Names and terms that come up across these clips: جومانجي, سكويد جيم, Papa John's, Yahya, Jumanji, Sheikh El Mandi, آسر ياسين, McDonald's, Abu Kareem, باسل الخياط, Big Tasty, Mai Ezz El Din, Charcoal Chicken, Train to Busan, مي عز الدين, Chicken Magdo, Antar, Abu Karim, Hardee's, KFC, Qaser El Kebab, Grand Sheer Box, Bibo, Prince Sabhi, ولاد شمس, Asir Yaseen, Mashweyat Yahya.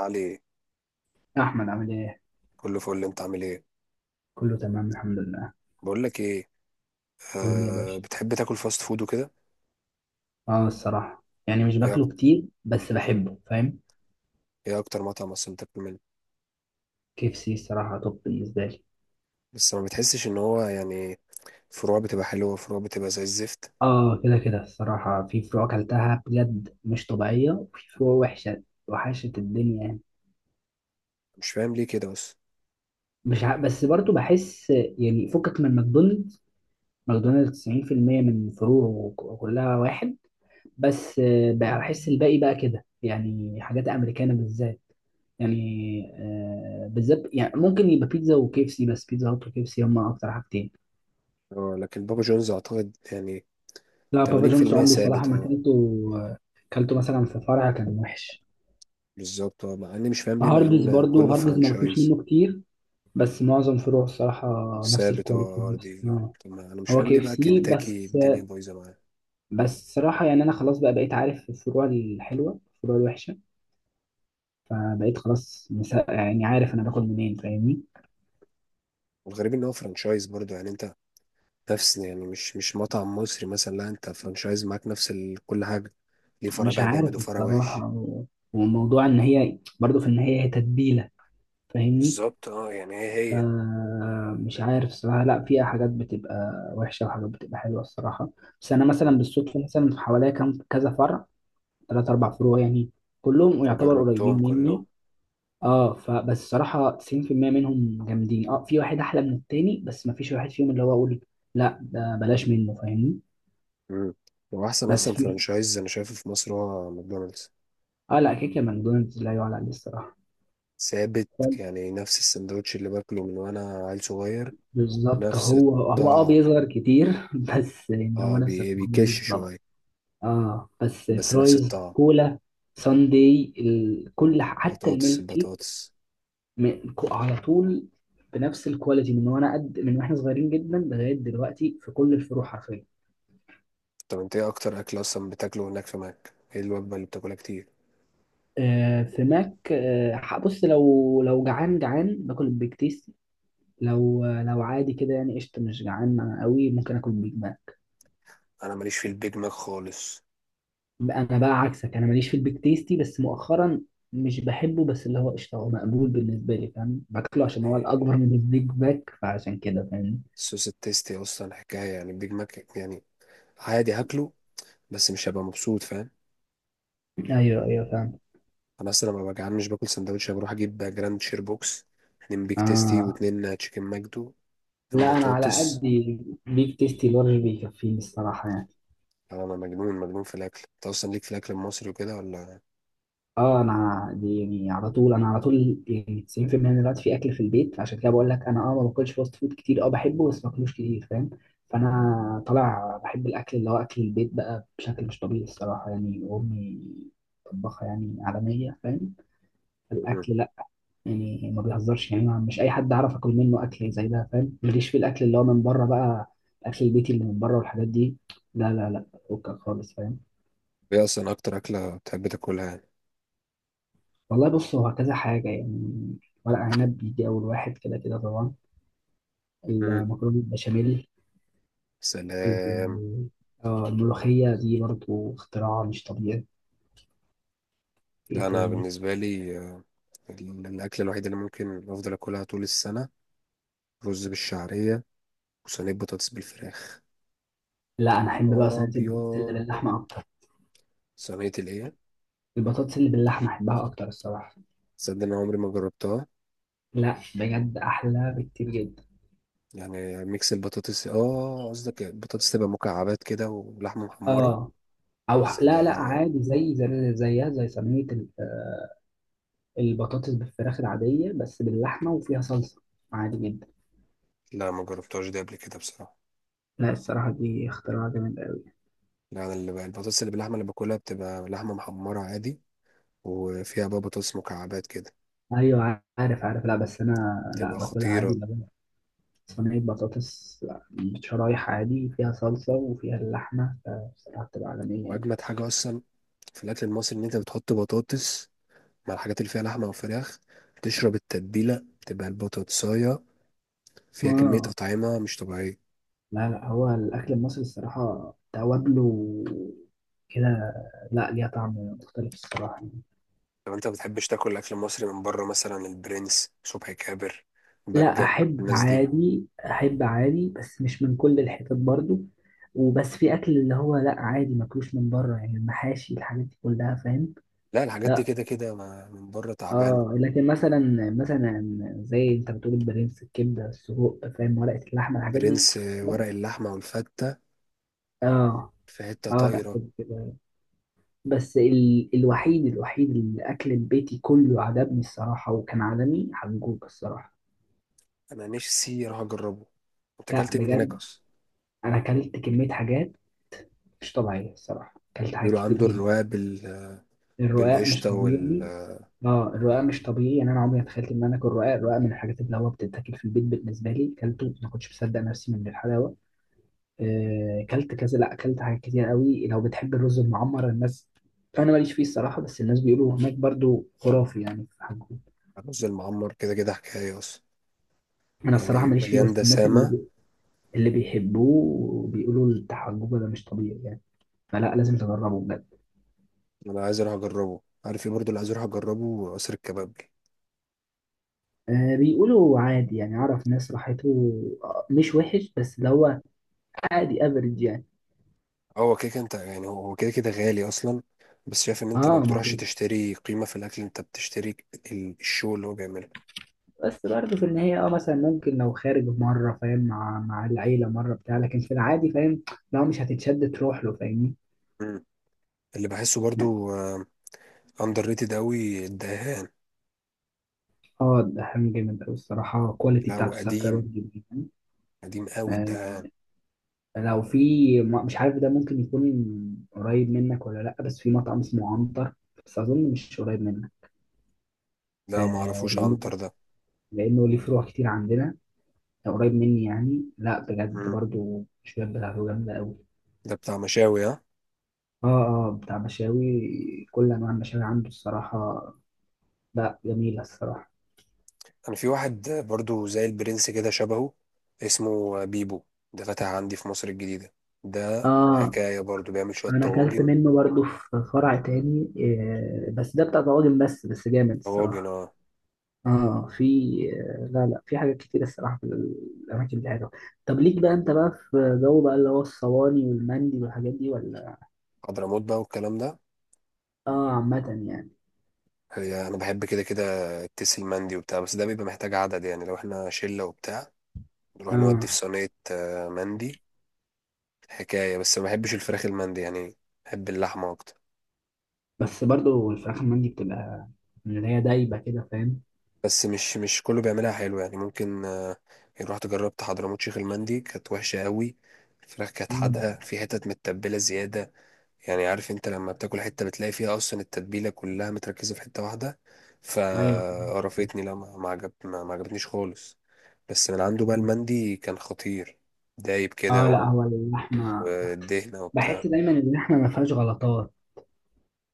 علي، يا احمد عامل ايه؟ كله فل. انت عامل ايه؟ كله تمام الحمد لله. بقول لك ايه، قول لي يا آه باشا. بتحب تاكل فاست فود وكده؟ اه، الصراحه يعني مش ايه أك- باكله كتير، بس بحبه فاهم. ايه اكتر مطعم اصلا بتاكل منه؟ كي اف سي الصراحه توب بالنسبه لي. بس ما بتحسش ان هو يعني فروع بتبقى حلوه وفروع بتبقى زي الزفت. اه كده كده الصراحه، في فروع اكلتها بجد مش طبيعيه، وفي فروع وحشه وحشه الدنيا يعني. مش فاهم ليه كده بس. مش ع... بس برضو بحس يعني، فكك من ماكدونالدز 90% من فروعه كلها واحد. بس بقى بحس الباقي بقى كده، يعني حاجات امريكانه بالذات يعني. بالذات يعني ممكن يبقى بيتزا وكيف سي، بس بيتزا هات وكيف سي هما اكتر حاجتين. اه لكن بابا جونز اعتقد يعني لا بابا جونز 80% عمري صراحه ثابت ما اه. كلته. آه، كلته مثلا في فرع كان وحش. بالظبط اه، مع اني مش فاهم ليه مع هارديز ان برضو، كله هارديز ما باكلش فرانشايز. منه كتير، بس معظم فروع الصراحه نفس ثابت الكواليتي. اه ار بس دي. طب ما انا مش هو فاهم ليه كيف بقى سي كنتاكي بس. الدنيا بايظه معاه. بس صراحه يعني انا خلاص بقى بقيت عارف الفروع الحلوه الفروع الوحشه، فبقيت خلاص يعني عارف انا باكل منين فاهمني. والغريب ان هو فرانشايز برضه، يعني انت نفس، يعني مش مطعم مصري مثلا، لا انت فرانشايز معاك نفس ال... كل حاجة. ليه فرع مش بقى عارف جامد وفرع الصراحة وحش؟ وموضوع إن هي برضه في النهاية هي تتبيلة، فاهمني؟ بالظبط اه. يعني هي هي. مش عارف الصراحة، لا فيها حاجات بتبقى وحشة وحاجات بتبقى حلوة الصراحة. بس أنا مثلا مم. بالصدفة، مثلا في حواليا كام كذا فرع، تلات أربع فروع يعني، كلهم يعتبر فجربتهم قريبين كلهم. مني. اه فبس الصراحة 90% منهم جامدين، اه في واحد أحلى من التاني، بس مفيش واحد فيهم اللي هو أقول لا ده بلاش منه، فاهمني؟ مم. واحسن بس اصلا في، فرانشايز انا شايفه في مصر هو ماكدونالدز. اه لا كيكة ماكدونالدز لا يعلى عليه الصراحة. ثابت. يعني نفس السندوتش اللي باكله من وانا عيل صغير. بالظبط، نفس هو هو اه الطعم. بيظهر كتير بس يعني اه هو نفس التعامل بيكش بالظبط. شوية. اه بس بس نفس فرايز الطعم. كولا ساندي كل حتى بطاطس الميلك شيك، البطاطس. على طول بنفس الكواليتي، من وانا قد، من واحنا صغيرين جدا لغايه دلوقتي في كل الفروع حرفيا. طب انت ايه اكتر اكل اصلا بتاكله هناك في ماك؟ ايه الوجبة اللي بتاكلها كتير؟ آه في ماك، آه بص لو جعان جعان باكل البيك تيستي، لو عادي كده يعني قشطه مش جعان قوي ممكن اكل بيج. انا ماليش في البيج ماك خالص. انا بقى عكسك، انا ماليش في البيك تيستي بس مؤخرا، مش بحبه، بس اللي هو قشطه هو مقبول بالنسبه لي فاهم، باكله عشان هو الاكبر يعني من البيج باك فعشان كده فاهم. الصوص التيستي اصلا حكايه، يعني البيج ماك يعني عادي هاكله، بس مش هبقى مبسوط، فاهم. ايوه فاهم. انا اصلا لما ببقى جعان مش باكل سندوتش، أنا بروح اجيب جراند شير بوكس، اتنين بيج تيستي اه واتنين تشيكن ماجدو، اتنين لا انا على قد، بطاطس. بيك تيستي لارج بيكفيني الصراحه يعني. أنا مجنون مجنون في الاكل. انت اصلا ليك في الاكل المصري وكده ولا؟ اه انا دي يعني على طول، انا على طول يعني 90% من الوقت في اكل في البيت، عشان كده بقول لك انا اه ما باكلش فاست فود كتير، اه بحبه بس ما باكلوش كتير فاهم. فانا طالع بحب الاكل اللي هو اكل البيت بقى بشكل مش طبيعي الصراحه يعني، امي طباخه يعني عالميه فاهم، مم. الاكل لا يعني ما بيهزرش يعني، مش اي حد عارف اكل منه اكل زي ده فاهم، ماليش في الاكل اللي هو من بره بقى، الاكل البيتي اللي من بره والحاجات دي لا لا لا، فكك خالص فاهم. ايه اصلا اكتر اكله بتحب تاكلها يعني؟ والله بص هو كذا حاجة يعني، ورق عنب بيجي أول واحد كده كده طبعا، مم. المكرونة البشاميل سلام. ال- الملوخية دي برضو اختراع مش طبيعي. في إيه لا انا تاني؟ بالنسبه لي، الاكل الوحيد اللي ممكن افضل اكلها طول السنه، رز بالشعريه وصينيه بطاطس بالفراخ. لا أنا يا أحب بقى نهار صينية البطاطس اللي ابيض، باللحمة أكتر، صينيه الايه؟ البطاطس اللي باللحمة أحبها أكتر الصراحة. تصدق ان عمري ما جربتها. لا بجد أحلى بكتير جدا. يعني ميكس البطاطس، اه قصدك البطاطس تبقى مكعبات كده ولحمه محمره. آه، أو لا لا سلام. عادي زي زي زيها، زي صينية البطاطس بالفراخ العادية، بس باللحمة وفيها صلصة، عادي جدا. لا ما جربتهاش دي قبل كده بصراحه. لا الصراحة دي اختراع جامد أوي. لا انا اللي بقى البطاطس اللي باللحمه اللي باكلها بتبقى لحمه محمره عادي، وفيها بقى بطاطس مكعبات كده، ايوه عارف لا بس انا، لا بتبقى باكلها عادي خطيره. اللي هو صينيه بطاطس شرايح عادي فيها صلصه وفيها اللحمه، فبصراحه بتبقى عالميه يعني. واجمد حاجه اصلا في الاكل المصري ان انت بتحط بطاطس مع الحاجات اللي فيها لحمه او فراخ، تشرب التتبيله، تبقى البطاطسايه فيها كميه اه اطعمه مش طبيعيه. لا لا، هو الاكل المصري الصراحه توابله كده، لا ليها طعم مختلف الصراحه يعني. لو انت بتحبش تاكل اكل مصري من بره، مثلا البرنس، صبحي كابر، لا بجة، احب الناس دي. عادي، احب عادي بس مش من كل الحتت برضو، وبس في اكل اللي هو لا عادي ماكلوش من بره، يعني المحاشي الحاجات دي كلها فاهم. لا الحاجات دي كده كده من بره تعبانة. اه لكن مثلا، مثلا زي انت بتقول البرنس، الكبده السجق فاهم، ورقه اللحمه الحاجات دي. برنس، ورق اللحمة والفتة، اه في حتة اه لا طايرة. كده كده، بس الوحيد اللي اكل البيتي كله عجبني الصراحه وكان عالمي حجوج الصراحه. انا نفسي اروح اجربه. انت لا اكلت إيه من هناك بجد اصلا؟ انا اكلت كميه حاجات مش طبيعيه الصراحه، اكلت حاجات بيقولوا كتير عنده جدا. الرواق الرقاق مش بالقشطة طبيعي. والرز. اه الرقاق مش طبيعي يعني، انا عمري ما تخيلت ان انا اكل رقاق، الرقاق من الحاجات اللي هو بتتاكل في البيت بالنسبه لي، اكلته ما كنتش مصدق نفسي من الحلاوه. اكلت كذا، لا اكلت حاجات كتير قوي. لو بتحب الرز المعمر، الناس انا ماليش فيه الصراحه، بس الناس بيقولوا هناك برضو خرافي يعني في حجوجه. المعمر كده كده حكاية اصلا. انا الصراحه يعني ماليش فيه، مليان بس الناس اللي دسامة. اللي بيحبوه بيقولوا بتاع حجوجه ده مش طبيعي يعني، فلا لازم تجربه بجد. انا عايز اروح اجربه. عارف ايه برضه اللي عايز اروح اجربه؟ قصر الكباب. آه بيقولوا عادي يعني، اعرف ناس راحته، مش وحش، بس اللي هو عادي افريج يعني. هو كده كده انت، يعني هو كده كده غالي اصلا، بس شايف ان انت ما اه بتروحش معقول. تشتري قيمة في الاكل، انت بتشتري الشو اللي هو بيعمله. بس برضه في النهاية اه مثلا ممكن لو خارج مرة فاهم، مع العيلة مرة بتاع، لكن في العادي فاهم لو مش هتتشد تروح له فاهمني. مم. اللي بحسه برضو اندر ريتد قوي الدهان. اه ده حامي جامد أوي الصراحة، الكواليتي لا هو بتاعته ثابتة قديم، برضه جدا. قديم قوي آه، الدهان. لو في، مش عارف ده ممكن يكون قريب منك ولا لأ، بس في مطعم اسمه عنتر، بس أظن مش قريب منك. لا ما اعرفوش لأنه عنتر ده. ليه فروع كتير عندنا، لو قريب مني يعني، لأ بجد مم. برضه الشباب بتاعته جامدة أوي. ده بتاع مشاوي ها. اه اه بتاع مشاوي، كل أنواع المشاوي عنده الصراحة، لأ جميلة الصراحة. انا في واحد، برضو زي البرنس كده شبهه، اسمه بيبو. ده فتح عندي في مصر الجديدة. ده اه حكاية برضو، بيعمل شوية انا اكلت طواجن. منه برضو في فرع تاني، بس ده بتاع طواجن بس، بس جامد طواجن الصراحه. اه. اه في، لا لا في حاجات كتير الصراحه، في الاماكن دي حلوه. طب ليك بقى انت بقى في جو بقى اللي هو الصواني والمندي والحاجات دي ولا؟ حضرموت بقى والكلام ده. اه عامه يعني. هي انا بحب كده كده التيس المندي وبتاع، بس ده بيبقى محتاج عدد. يعني لو احنا شله وبتاع نروح نودي في اه صينيه مندي حكايه. بس ما بحبش الفراخ المندي يعني، بحب اللحمه اكتر. بس برضو الفراخ المندي بتبقى من اللي هي دايبه كده فاهم. بس مش كله بيعملها حلو. يعني ممكن، يعني رحت جربت حضرموت شيخ المندي، كانت وحشه قوي. الفراخ كانت مم. حادقه، في حتت متبله زياده. يعني عارف انت لما بتاكل حتة بتلاقي فيها اصلا التتبيلة كلها متركزة في حتة واحدة، ايوه. فقرفتني. لا ما عجبتنيش خالص. بس من عنده بقى مم. المندي كان خطير، دايب كده اه لا هو اللحمه، والدهنة وبتاع. بحس دايما ان اللحمه ما فيهاش غلطات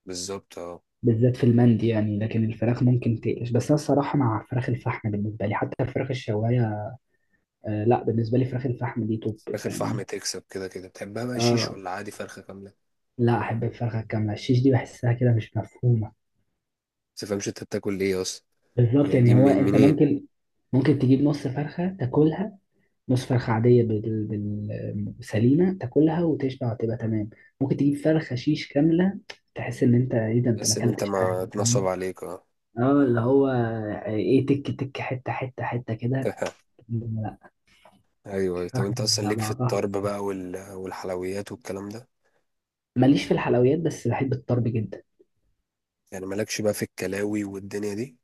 بالظبط اه. بالذات في المندي يعني، لكن الفراخ ممكن تقلش، بس انا الصراحه مع فراخ الفحم بالنسبه لي، حتى الفراخ الشوايه، آه لا بالنسبه لي فراخ الفحم دي توب. فراخ الفحم فاهمني، تكسب كده كده. بتحبها بقى شيش اه ولا عادي فرخة كاملة؟ لا احب الفرخه الكامله، الشيش دي بحسها كده مش مفهومه. بس متفهمش انت بتاكل ايه اصلا. بالظبط يعني يعني، دي هو من انت منين؟ ممكن، ممكن تجيب نص فرخه تاكلها، نص فرخه عاديه سليمه تاكلها وتشبع وتبقى تمام، ممكن تجيب فرخه شيش كامله تحس ان انت ايه ده، انت ما بس ان انت اكلتش حاجه ما اتنصب فاهم. عليك اه. اه اللي هو ايه، تك تك حته حته كده. لا ايوه. طب الفرخه انت اصلا على ليك في بعضها. الطرب بقى والحلويات والكلام ده؟ ماليش في الحلويات بس بحب الطرب جدا. يعني مالكش بقى في الكلاوي والدنيا دي؟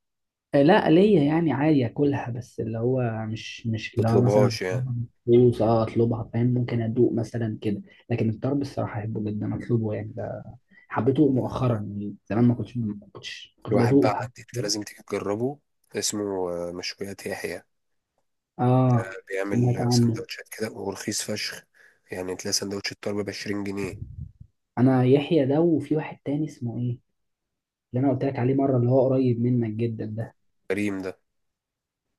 لا ليا يعني عادي اكلها، بس اللي هو مش اللي هو مثلا تطلبهاش يعني. فلوس، اه اطلبها فاهم، ممكن ادوق مثلا كده، لكن الطرب الصراحه احبه جدا اطلبه يعني، ده حبيته ده مؤخرا يعني، زمان ما في كنتش واحد بقى بدوقه عندي، حتى انت فاهم؟ لازم تيجي تجربه، اسمه مشويات يحيى. اه بيعمل سمعت عنه. سندوتشات كده ورخيص فشخ. يعني تلاقي سندوتش الطرب ب 20 جنيه. انا يحيى ده، وفي واحد تاني اسمه ايه، اللي انا قلت لك عليه مره اللي هو قريب منك جدا ده، كريم ده.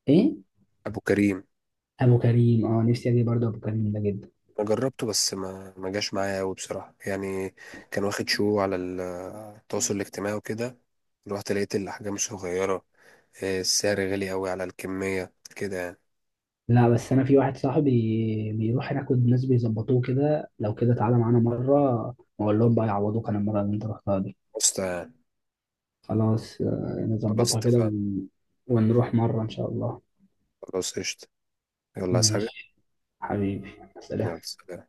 ايه، ابو كريم. ابو كريم. اه نفسي اجي برضه ابو كريم ده جدا. انا جربته بس ما جاش معايا قوي بصراحه يعني. كان واخد شو على التواصل الاجتماعي وكده. رحت لقيت الاحجام صغيره، السعر غالي قوي على الكميه كده يعني. لا بس انا في واحد صاحبي بيروح هناك والناس بيظبطوه كده، لو كده تعالى معانا مره واقول لهم بقى يعوضوك عن المره اللي انت رحتها دي. بس. خلاص خلاص نظبطها كده اتفقنا. ونروح مره ان شاء الله. خلاص قشطه. يلا، عايز حاجه؟ ماشي حبيبي، سلام. يلا سلام.